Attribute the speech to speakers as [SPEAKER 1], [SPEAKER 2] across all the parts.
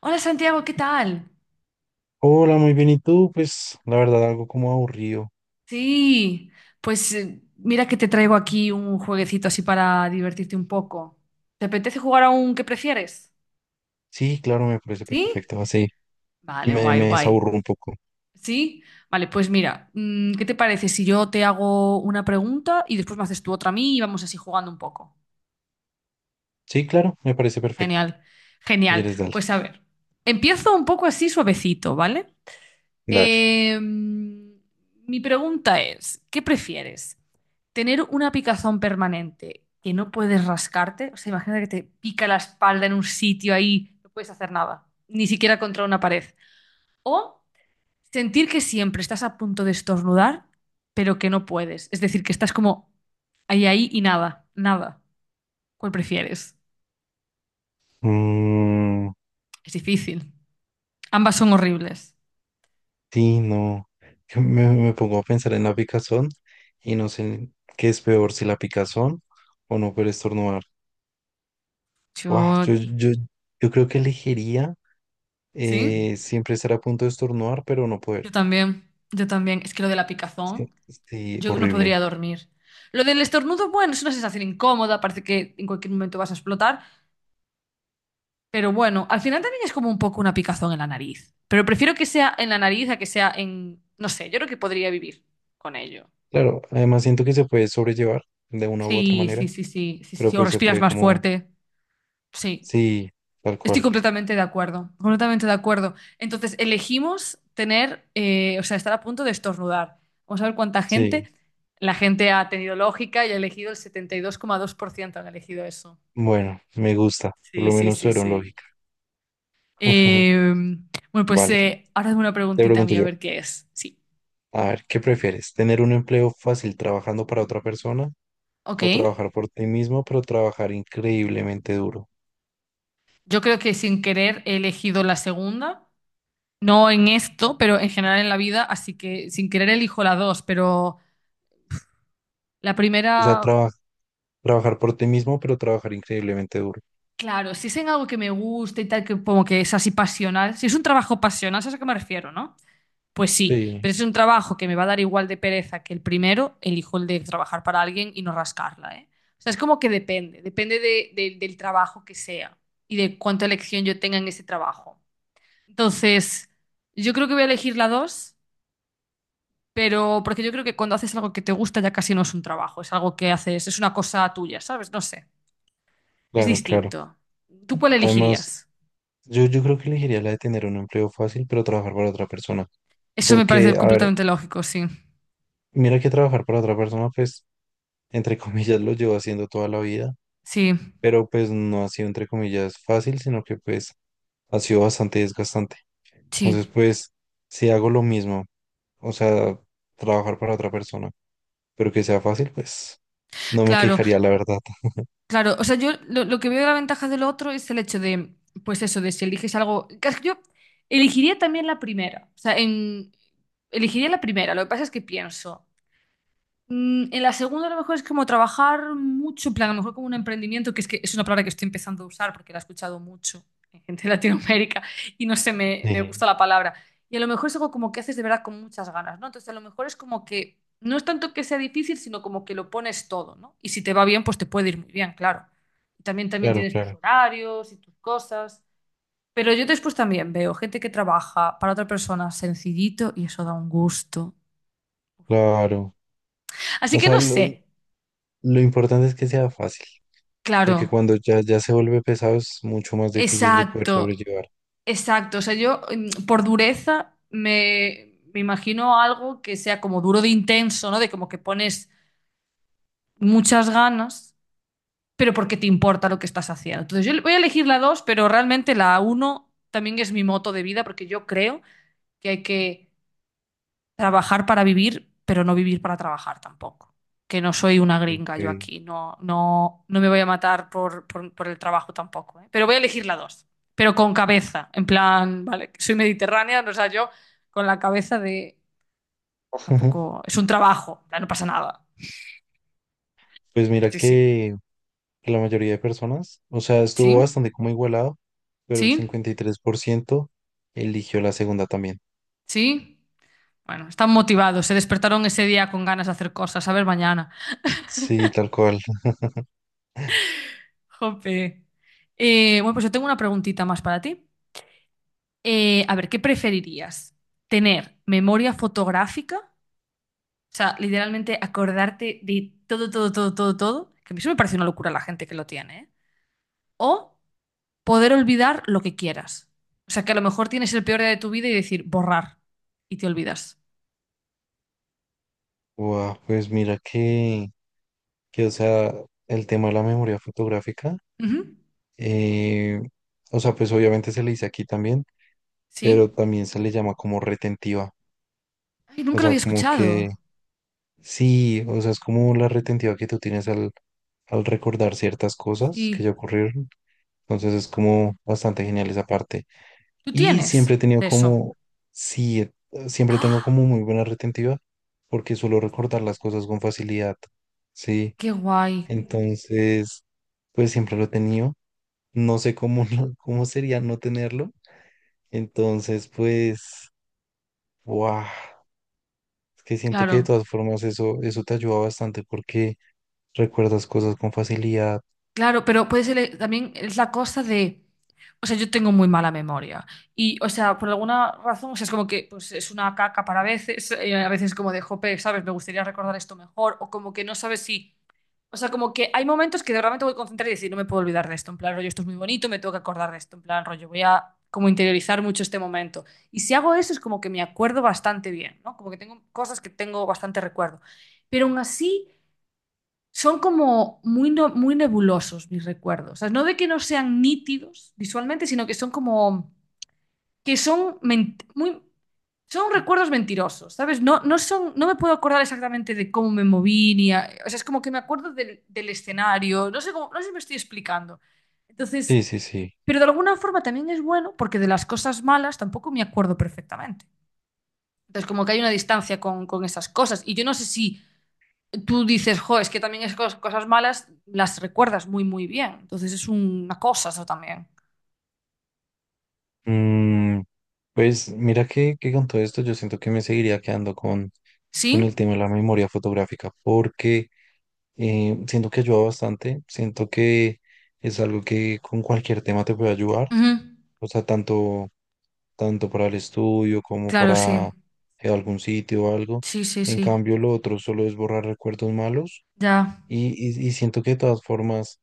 [SPEAKER 1] Hola Santiago, ¿qué tal?
[SPEAKER 2] Hola, muy bien. ¿Y tú? Pues la verdad, algo como aburrido.
[SPEAKER 1] Sí, pues mira que te traigo aquí un jueguecito así para divertirte un poco. ¿Te apetece jugar a un que prefieres?
[SPEAKER 2] Sí, claro, me parece
[SPEAKER 1] ¿Sí?
[SPEAKER 2] perfecto. Así
[SPEAKER 1] Vale,
[SPEAKER 2] me,
[SPEAKER 1] guay,
[SPEAKER 2] me
[SPEAKER 1] guay.
[SPEAKER 2] desaburro un poco.
[SPEAKER 1] ¿Sí? Vale, pues mira, ¿qué te parece si yo te hago una pregunta y después me haces tú otra a mí y vamos así jugando un poco?
[SPEAKER 2] Sí, claro, me parece perfecto.
[SPEAKER 1] Genial,
[SPEAKER 2] Si
[SPEAKER 1] genial.
[SPEAKER 2] quieres, dale,
[SPEAKER 1] Pues a ver, empiezo un poco así suavecito, ¿vale?
[SPEAKER 2] dale.
[SPEAKER 1] Mi pregunta es, ¿qué prefieres? ¿Tener una picazón permanente que no puedes rascarte? O sea, imagínate que te pica la espalda en un sitio ahí, no puedes hacer nada, ni siquiera contra una pared. O sentir que siempre estás a punto de estornudar, pero que no puedes. Es decir, que estás como ahí, ahí y nada, nada. ¿Cuál prefieres?
[SPEAKER 2] Mm,
[SPEAKER 1] Es difícil. Ambas son horribles.
[SPEAKER 2] sí, no. Me pongo a pensar en la picazón y no sé qué es peor, si la picazón o no poder estornudar. Guau,
[SPEAKER 1] Yo,
[SPEAKER 2] yo creo que elegiría
[SPEAKER 1] sí,
[SPEAKER 2] siempre estar a punto de estornudar, pero no poder.
[SPEAKER 1] yo también, yo también. Es que lo de la
[SPEAKER 2] Es que,
[SPEAKER 1] picazón.
[SPEAKER 2] sí,
[SPEAKER 1] Yo no podría
[SPEAKER 2] horrible.
[SPEAKER 1] dormir. Lo del estornudo, bueno, es una sensación incómoda, parece que en cualquier momento vas a explotar, pero bueno, al final también es como un poco una picazón en la nariz. Pero prefiero que sea en la nariz a que sea en, no sé, yo creo que podría vivir con ello.
[SPEAKER 2] Claro, además siento que se puede sobrellevar de una u otra
[SPEAKER 1] Sí,
[SPEAKER 2] manera.
[SPEAKER 1] sí, sí, sí, sí, sí,
[SPEAKER 2] Pero
[SPEAKER 1] sí. O
[SPEAKER 2] pues se
[SPEAKER 1] respiras
[SPEAKER 2] puede
[SPEAKER 1] más
[SPEAKER 2] como,
[SPEAKER 1] fuerte. Sí,
[SPEAKER 2] sí, tal
[SPEAKER 1] estoy
[SPEAKER 2] cual,
[SPEAKER 1] completamente de acuerdo, completamente de acuerdo. Entonces, elegimos tener, o sea, estar a punto de estornudar. Vamos a ver cuánta gente.
[SPEAKER 2] sí,
[SPEAKER 1] La gente ha tenido lógica y ha elegido el setenta y dos dos coma dos por ciento han elegido eso.
[SPEAKER 2] bueno, me gusta, por
[SPEAKER 1] Sí,
[SPEAKER 2] lo
[SPEAKER 1] sí,
[SPEAKER 2] menos
[SPEAKER 1] sí,
[SPEAKER 2] tuvieron
[SPEAKER 1] sí.
[SPEAKER 2] lógica.
[SPEAKER 1] Eh, bueno, pues
[SPEAKER 2] Vale,
[SPEAKER 1] ahora es una
[SPEAKER 2] te
[SPEAKER 1] preguntita
[SPEAKER 2] pregunto
[SPEAKER 1] mía, a
[SPEAKER 2] yo,
[SPEAKER 1] ver qué es. Sí.
[SPEAKER 2] a ver, ¿qué prefieres? ¿Tener un empleo fácil trabajando para otra persona
[SPEAKER 1] Ok.
[SPEAKER 2] o trabajar por ti mismo, pero trabajar increíblemente duro?
[SPEAKER 1] Yo creo que sin querer he elegido la segunda. No en esto, pero en general en la vida. Así que sin querer elijo la dos. Pero la
[SPEAKER 2] O sea,
[SPEAKER 1] primera,
[SPEAKER 2] trabajar por ti mismo, pero trabajar increíblemente duro.
[SPEAKER 1] claro, si es en algo que me gusta y tal, que como que es así pasional. Si es un trabajo pasional, ¿sabes a qué me refiero, no? Pues sí,
[SPEAKER 2] Sí,
[SPEAKER 1] pero es un trabajo que me va a dar igual de pereza que el primero, elijo el de trabajar para alguien y no rascarla, ¿eh? O sea, es como que depende, depende del trabajo que sea y de cuánta elección yo tenga en ese trabajo. Entonces, yo creo que voy a elegir la dos, pero porque yo creo que cuando haces algo que te gusta ya casi no es un trabajo, es algo que haces, es una cosa tuya, ¿sabes? No sé, es
[SPEAKER 2] claro, claro.
[SPEAKER 1] distinto. ¿Tú cuál
[SPEAKER 2] Además,
[SPEAKER 1] elegirías?
[SPEAKER 2] yo creo que elegiría la de tener un empleo fácil, pero trabajar para otra persona.
[SPEAKER 1] Eso me
[SPEAKER 2] Porque,
[SPEAKER 1] parece
[SPEAKER 2] a ver,
[SPEAKER 1] completamente lógico, sí.
[SPEAKER 2] mira que trabajar para otra persona, pues entre comillas, lo llevo haciendo toda la vida,
[SPEAKER 1] Sí,
[SPEAKER 2] pero pues no ha sido, entre comillas, fácil, sino que pues ha sido bastante desgastante.
[SPEAKER 1] sí,
[SPEAKER 2] Entonces, pues, si hago lo mismo, o sea, trabajar para otra persona, pero que sea fácil, pues no me
[SPEAKER 1] claro.
[SPEAKER 2] quejaría, la verdad.
[SPEAKER 1] Claro, o sea, yo lo que veo de la ventaja del otro es el hecho de, pues eso, de si eliges algo. Que Yo elegiría también la primera. O sea, en, elegiría la primera. Lo que pasa es que pienso. Mm, en la segunda, a lo mejor es como trabajar mucho, en plan, a lo mejor como un emprendimiento, que es una palabra que estoy empezando a usar porque la he escuchado mucho en gente de Latinoamérica y no sé, me
[SPEAKER 2] Eh,
[SPEAKER 1] gusta la palabra. Y a lo mejor es algo como que haces de verdad con muchas ganas, ¿no? Entonces, a lo mejor es como que no es tanto que sea difícil, sino como que lo pones todo, ¿no? Y si te va bien, pues te puede ir muy bien, claro. Y también, también
[SPEAKER 2] claro,
[SPEAKER 1] tienes tus
[SPEAKER 2] claro,
[SPEAKER 1] horarios y tus cosas. Pero yo después también veo gente que trabaja para otra persona sencillito y eso da un gusto.
[SPEAKER 2] claro.
[SPEAKER 1] Así
[SPEAKER 2] O
[SPEAKER 1] que
[SPEAKER 2] sea,
[SPEAKER 1] no sé,
[SPEAKER 2] lo importante es que sea fácil, porque
[SPEAKER 1] claro.
[SPEAKER 2] cuando ya se vuelve pesado es mucho más difícil de poder
[SPEAKER 1] Exacto,
[SPEAKER 2] sobrellevar.
[SPEAKER 1] exacto. O sea, yo por dureza me imagino algo que sea como duro de intenso, ¿no? De como que pones muchas ganas, pero porque te importa lo que estás haciendo. Entonces, yo voy a elegir la 2, pero realmente la uno también es mi moto de vida porque yo creo que hay que trabajar para vivir, pero no vivir para trabajar tampoco. Que no soy una gringa yo
[SPEAKER 2] Eh,
[SPEAKER 1] aquí, no, no, no me voy a matar por, por el trabajo tampoco, ¿eh? Pero voy a elegir la dos, pero con cabeza, en plan, vale, que soy mediterránea, o sea, yo con la cabeza de tampoco, es un trabajo, en plan, no pasa nada.
[SPEAKER 2] Pues mira
[SPEAKER 1] Sí, sí,
[SPEAKER 2] que la mayoría de personas, o sea, estuvo
[SPEAKER 1] sí,
[SPEAKER 2] bastante como igualado, pero el
[SPEAKER 1] sí,
[SPEAKER 2] 53% eligió la segunda también.
[SPEAKER 1] sí. Bueno, están motivados, se despertaron ese día con ganas de hacer cosas, a ver mañana.
[SPEAKER 2] Sí, tal cual.
[SPEAKER 1] Jope. Bueno, pues yo tengo una preguntita más para ti. A ver, ¿qué preferirías? ¿Tener memoria fotográfica? O sea, literalmente acordarte de todo, todo, todo, todo, todo. Que a mí eso me parece una locura la gente que lo tiene, ¿eh? O poder olvidar lo que quieras. O sea, que a lo mejor tienes el peor día de tu vida y decir borrar y te olvidas.
[SPEAKER 2] Guau, pues mira que, o sea, el tema de la memoria fotográfica,
[SPEAKER 1] Ujú,
[SPEAKER 2] eh, o sea, pues obviamente se le dice aquí también,
[SPEAKER 1] sí.
[SPEAKER 2] pero también se le llama como retentiva.
[SPEAKER 1] Ay,
[SPEAKER 2] O
[SPEAKER 1] nunca lo había
[SPEAKER 2] sea, como
[SPEAKER 1] escuchado.
[SPEAKER 2] que sí, o sea, es como la retentiva que tú tienes al recordar ciertas cosas que
[SPEAKER 1] Sí.
[SPEAKER 2] ya ocurrieron. Entonces es como bastante genial esa parte.
[SPEAKER 1] ¿Tú
[SPEAKER 2] Y
[SPEAKER 1] tienes
[SPEAKER 2] siempre he tenido
[SPEAKER 1] de eso?
[SPEAKER 2] como, sí, siempre tengo
[SPEAKER 1] ¡Ah!
[SPEAKER 2] como muy buena retentiva porque suelo recordar las cosas con facilidad, ¿sí?
[SPEAKER 1] ¡Qué guay!
[SPEAKER 2] Entonces, pues siempre lo he tenido. No sé cómo, cómo sería no tenerlo. Entonces, pues, wow, es que siento que de
[SPEAKER 1] Claro.
[SPEAKER 2] todas formas eso, eso te ayuda bastante porque recuerdas cosas con facilidad.
[SPEAKER 1] Claro, pero puede ser también es la cosa de, o sea, yo tengo muy mala memoria y, o sea, por alguna razón, o sea, es como que pues es una caca para veces, a veces como de, jope, ¿sabes? Me gustaría recordar esto mejor o como que no sabes si, o sea, como que hay momentos que de realmente voy a concentrar y decir, no me puedo olvidar de esto, en plan, rollo, esto es muy bonito, me tengo que acordar de esto, en plan, rollo, voy a como interiorizar mucho este momento. Y si hago eso es como que me acuerdo bastante bien, ¿no? Como que tengo cosas que tengo bastante recuerdo. Pero aún así son como muy, muy nebulosos mis recuerdos. O sea, no de que no sean nítidos visualmente, sino que son como, que son muy, son recuerdos mentirosos, ¿sabes? No, no son, no me puedo acordar exactamente de cómo me moví, ni o sea, es como que me acuerdo del, del escenario, no sé cómo, no sé si me estoy explicando. Entonces,
[SPEAKER 2] Sí, sí, sí.
[SPEAKER 1] pero de alguna forma también es bueno porque de las cosas malas tampoco me acuerdo perfectamente. Entonces, como que hay una distancia con esas cosas. Y yo no sé si tú dices, jo, es que también es cosas malas las recuerdas muy, muy bien. Entonces es una cosa eso también.
[SPEAKER 2] Mm, pues mira que con todo esto yo siento que me seguiría quedando con el
[SPEAKER 1] ¿Sí?
[SPEAKER 2] tema de la memoria fotográfica porque siento que ayuda bastante, siento que es algo que con cualquier tema te puede ayudar,
[SPEAKER 1] Ujú.
[SPEAKER 2] o sea, tanto para el estudio como
[SPEAKER 1] Claro, sí.
[SPEAKER 2] para algún sitio o algo.
[SPEAKER 1] Sí, sí,
[SPEAKER 2] En
[SPEAKER 1] sí.
[SPEAKER 2] cambio, lo otro solo es borrar recuerdos malos
[SPEAKER 1] Ya.
[SPEAKER 2] y, y siento que de todas formas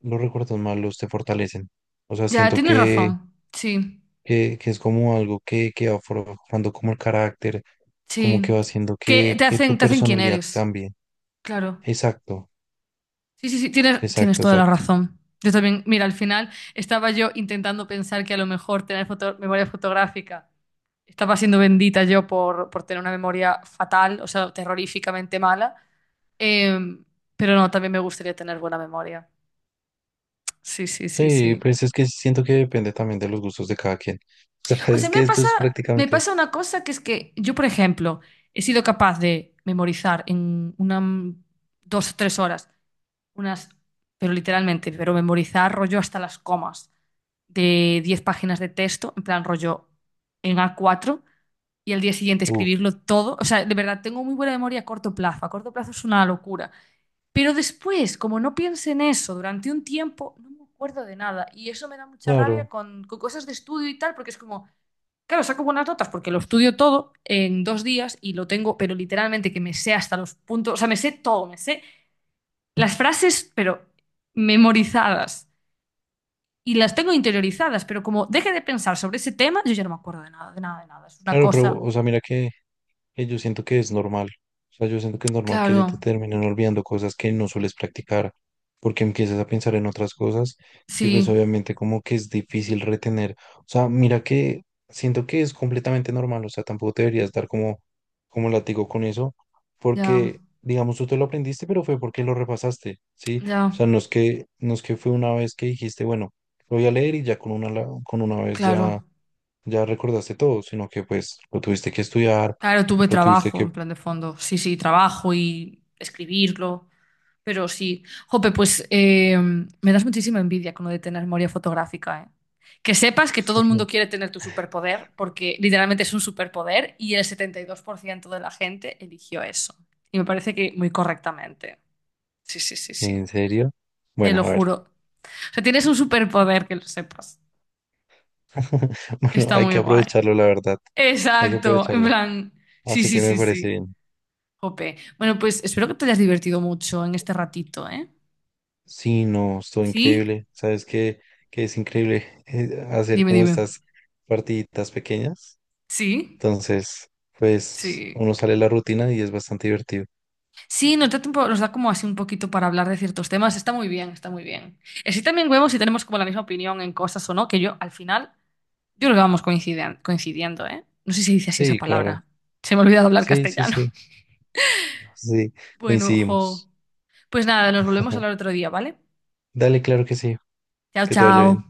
[SPEAKER 2] los recuerdos malos te fortalecen. O sea,
[SPEAKER 1] Ya,
[SPEAKER 2] siento
[SPEAKER 1] tienes
[SPEAKER 2] que...
[SPEAKER 1] razón. Sí,
[SPEAKER 2] que es como algo que va forjando como el carácter, como que
[SPEAKER 1] sí.
[SPEAKER 2] va haciendo
[SPEAKER 1] Que
[SPEAKER 2] que tu
[SPEAKER 1] te hacen quién
[SPEAKER 2] personalidad
[SPEAKER 1] eres.
[SPEAKER 2] cambie.
[SPEAKER 1] Claro.
[SPEAKER 2] Exacto,
[SPEAKER 1] Sí, sí, sí, tienes, tienes toda la
[SPEAKER 2] exacto.
[SPEAKER 1] razón. Yo también, mira, al final estaba yo intentando pensar que a lo mejor tener memoria fotográfica estaba siendo bendita yo por tener una memoria fatal, o sea, terroríficamente mala. Eh, pero no, también me gustaría tener buena memoria. Sí, sí, sí,
[SPEAKER 2] Sí,
[SPEAKER 1] sí.
[SPEAKER 2] pues es que siento que depende también de los gustos de cada quien. O sea,
[SPEAKER 1] O
[SPEAKER 2] es
[SPEAKER 1] sea,
[SPEAKER 2] que esto es
[SPEAKER 1] me
[SPEAKER 2] prácticamente,
[SPEAKER 1] pasa una cosa que es que yo, por ejemplo, he sido capaz de memorizar en una, 2 o 3 horas, unas, pero literalmente, pero memorizar rollo hasta las comas de 10 páginas de texto, en plan rollo en a cuatro y al día siguiente
[SPEAKER 2] uf,
[SPEAKER 1] escribirlo todo. O sea, de verdad, tengo muy buena memoria a corto plazo. A corto plazo es una locura. Pero después, como no piense en eso durante un tiempo, no me acuerdo de nada. Y eso me da mucha rabia
[SPEAKER 2] claro,
[SPEAKER 1] con cosas de estudio y tal, porque es como, claro, saco buenas notas porque lo estudio todo en 2 días y lo tengo, pero literalmente que me sé hasta los puntos, o sea, me sé todo, me sé las frases, pero memorizadas. Y las tengo interiorizadas, pero como deje de pensar sobre ese tema, yo ya no me acuerdo de nada, de nada, de nada. Es una
[SPEAKER 2] claro, pero,
[SPEAKER 1] cosa.
[SPEAKER 2] o sea, mira que yo siento que es normal. O sea, yo siento que es normal que se te
[SPEAKER 1] Claro,
[SPEAKER 2] terminen olvidando cosas que no sueles practicar, porque empiezas a pensar en otras cosas y pues
[SPEAKER 1] sí,
[SPEAKER 2] obviamente como que es difícil retener. O sea, mira que siento que es completamente normal, o sea, tampoco te deberías dar como, como látigo con eso,
[SPEAKER 1] ya,
[SPEAKER 2] porque digamos tú te lo aprendiste, pero fue porque lo repasaste, ¿sí?
[SPEAKER 1] ya,
[SPEAKER 2] O sea, no es que fue una vez que dijiste, bueno, lo voy a leer y ya con una, con una vez
[SPEAKER 1] claro.
[SPEAKER 2] ya ya recordaste todo, sino que pues lo tuviste que estudiar,
[SPEAKER 1] Claro, tuve
[SPEAKER 2] lo tuviste
[SPEAKER 1] trabajo
[SPEAKER 2] que...
[SPEAKER 1] en plan de fondo. Sí, sí, trabajo y escribirlo. Pero sí. Jope, pues me das muchísima envidia con lo de tener memoria fotográfica, ¿eh? Que sepas que todo el mundo
[SPEAKER 2] Ujú.
[SPEAKER 1] quiere tener tu superpoder, porque literalmente es un superpoder y el 72% de la gente eligió eso. Y me parece que muy correctamente. Sí, sí, sí, sí.
[SPEAKER 2] ¿En serio?
[SPEAKER 1] Te
[SPEAKER 2] Bueno,
[SPEAKER 1] lo
[SPEAKER 2] a ver.
[SPEAKER 1] juro. O sea, tienes un superpoder que lo sepas.
[SPEAKER 2] Bueno,
[SPEAKER 1] Está
[SPEAKER 2] hay que
[SPEAKER 1] muy guay.
[SPEAKER 2] aprovecharlo, la verdad. Hay que
[SPEAKER 1] Exacto. En
[SPEAKER 2] aprovecharlo.
[SPEAKER 1] plan, sí,
[SPEAKER 2] Así
[SPEAKER 1] sí,
[SPEAKER 2] que me
[SPEAKER 1] sí,
[SPEAKER 2] parece
[SPEAKER 1] sí.
[SPEAKER 2] bien.
[SPEAKER 1] Jope. Bueno, pues espero que te hayas divertido mucho en este ratito, ¿eh?
[SPEAKER 2] Sí, no, estuvo
[SPEAKER 1] Sí,
[SPEAKER 2] increíble. ¿Sabes qué? Que es increíble hacer
[SPEAKER 1] dime,
[SPEAKER 2] como
[SPEAKER 1] dime.
[SPEAKER 2] estas partiditas pequeñas.
[SPEAKER 1] Sí,
[SPEAKER 2] Entonces, pues
[SPEAKER 1] sí.
[SPEAKER 2] uno sale de la rutina y es bastante divertido.
[SPEAKER 1] Sí, nos da tiempo, nos da como así un poquito para hablar de ciertos temas. Está muy bien, está muy bien. Así también vemos si tenemos como la misma opinión en cosas o no, que yo al final, yo creo que vamos coincidiendo, ¿eh? No sé si se dice así
[SPEAKER 2] Sí,
[SPEAKER 1] esa
[SPEAKER 2] claro.
[SPEAKER 1] palabra. Se me ha olvidado hablar
[SPEAKER 2] Sí, sí,
[SPEAKER 1] castellano.
[SPEAKER 2] sí. Sí,
[SPEAKER 1] Bueno, jo.
[SPEAKER 2] coincidimos.
[SPEAKER 1] Pues nada, nos volvemos a hablar otro día, ¿vale?
[SPEAKER 2] Dale, claro que sí.
[SPEAKER 1] Chao,
[SPEAKER 2] Que te vaya
[SPEAKER 1] chao.
[SPEAKER 2] bien.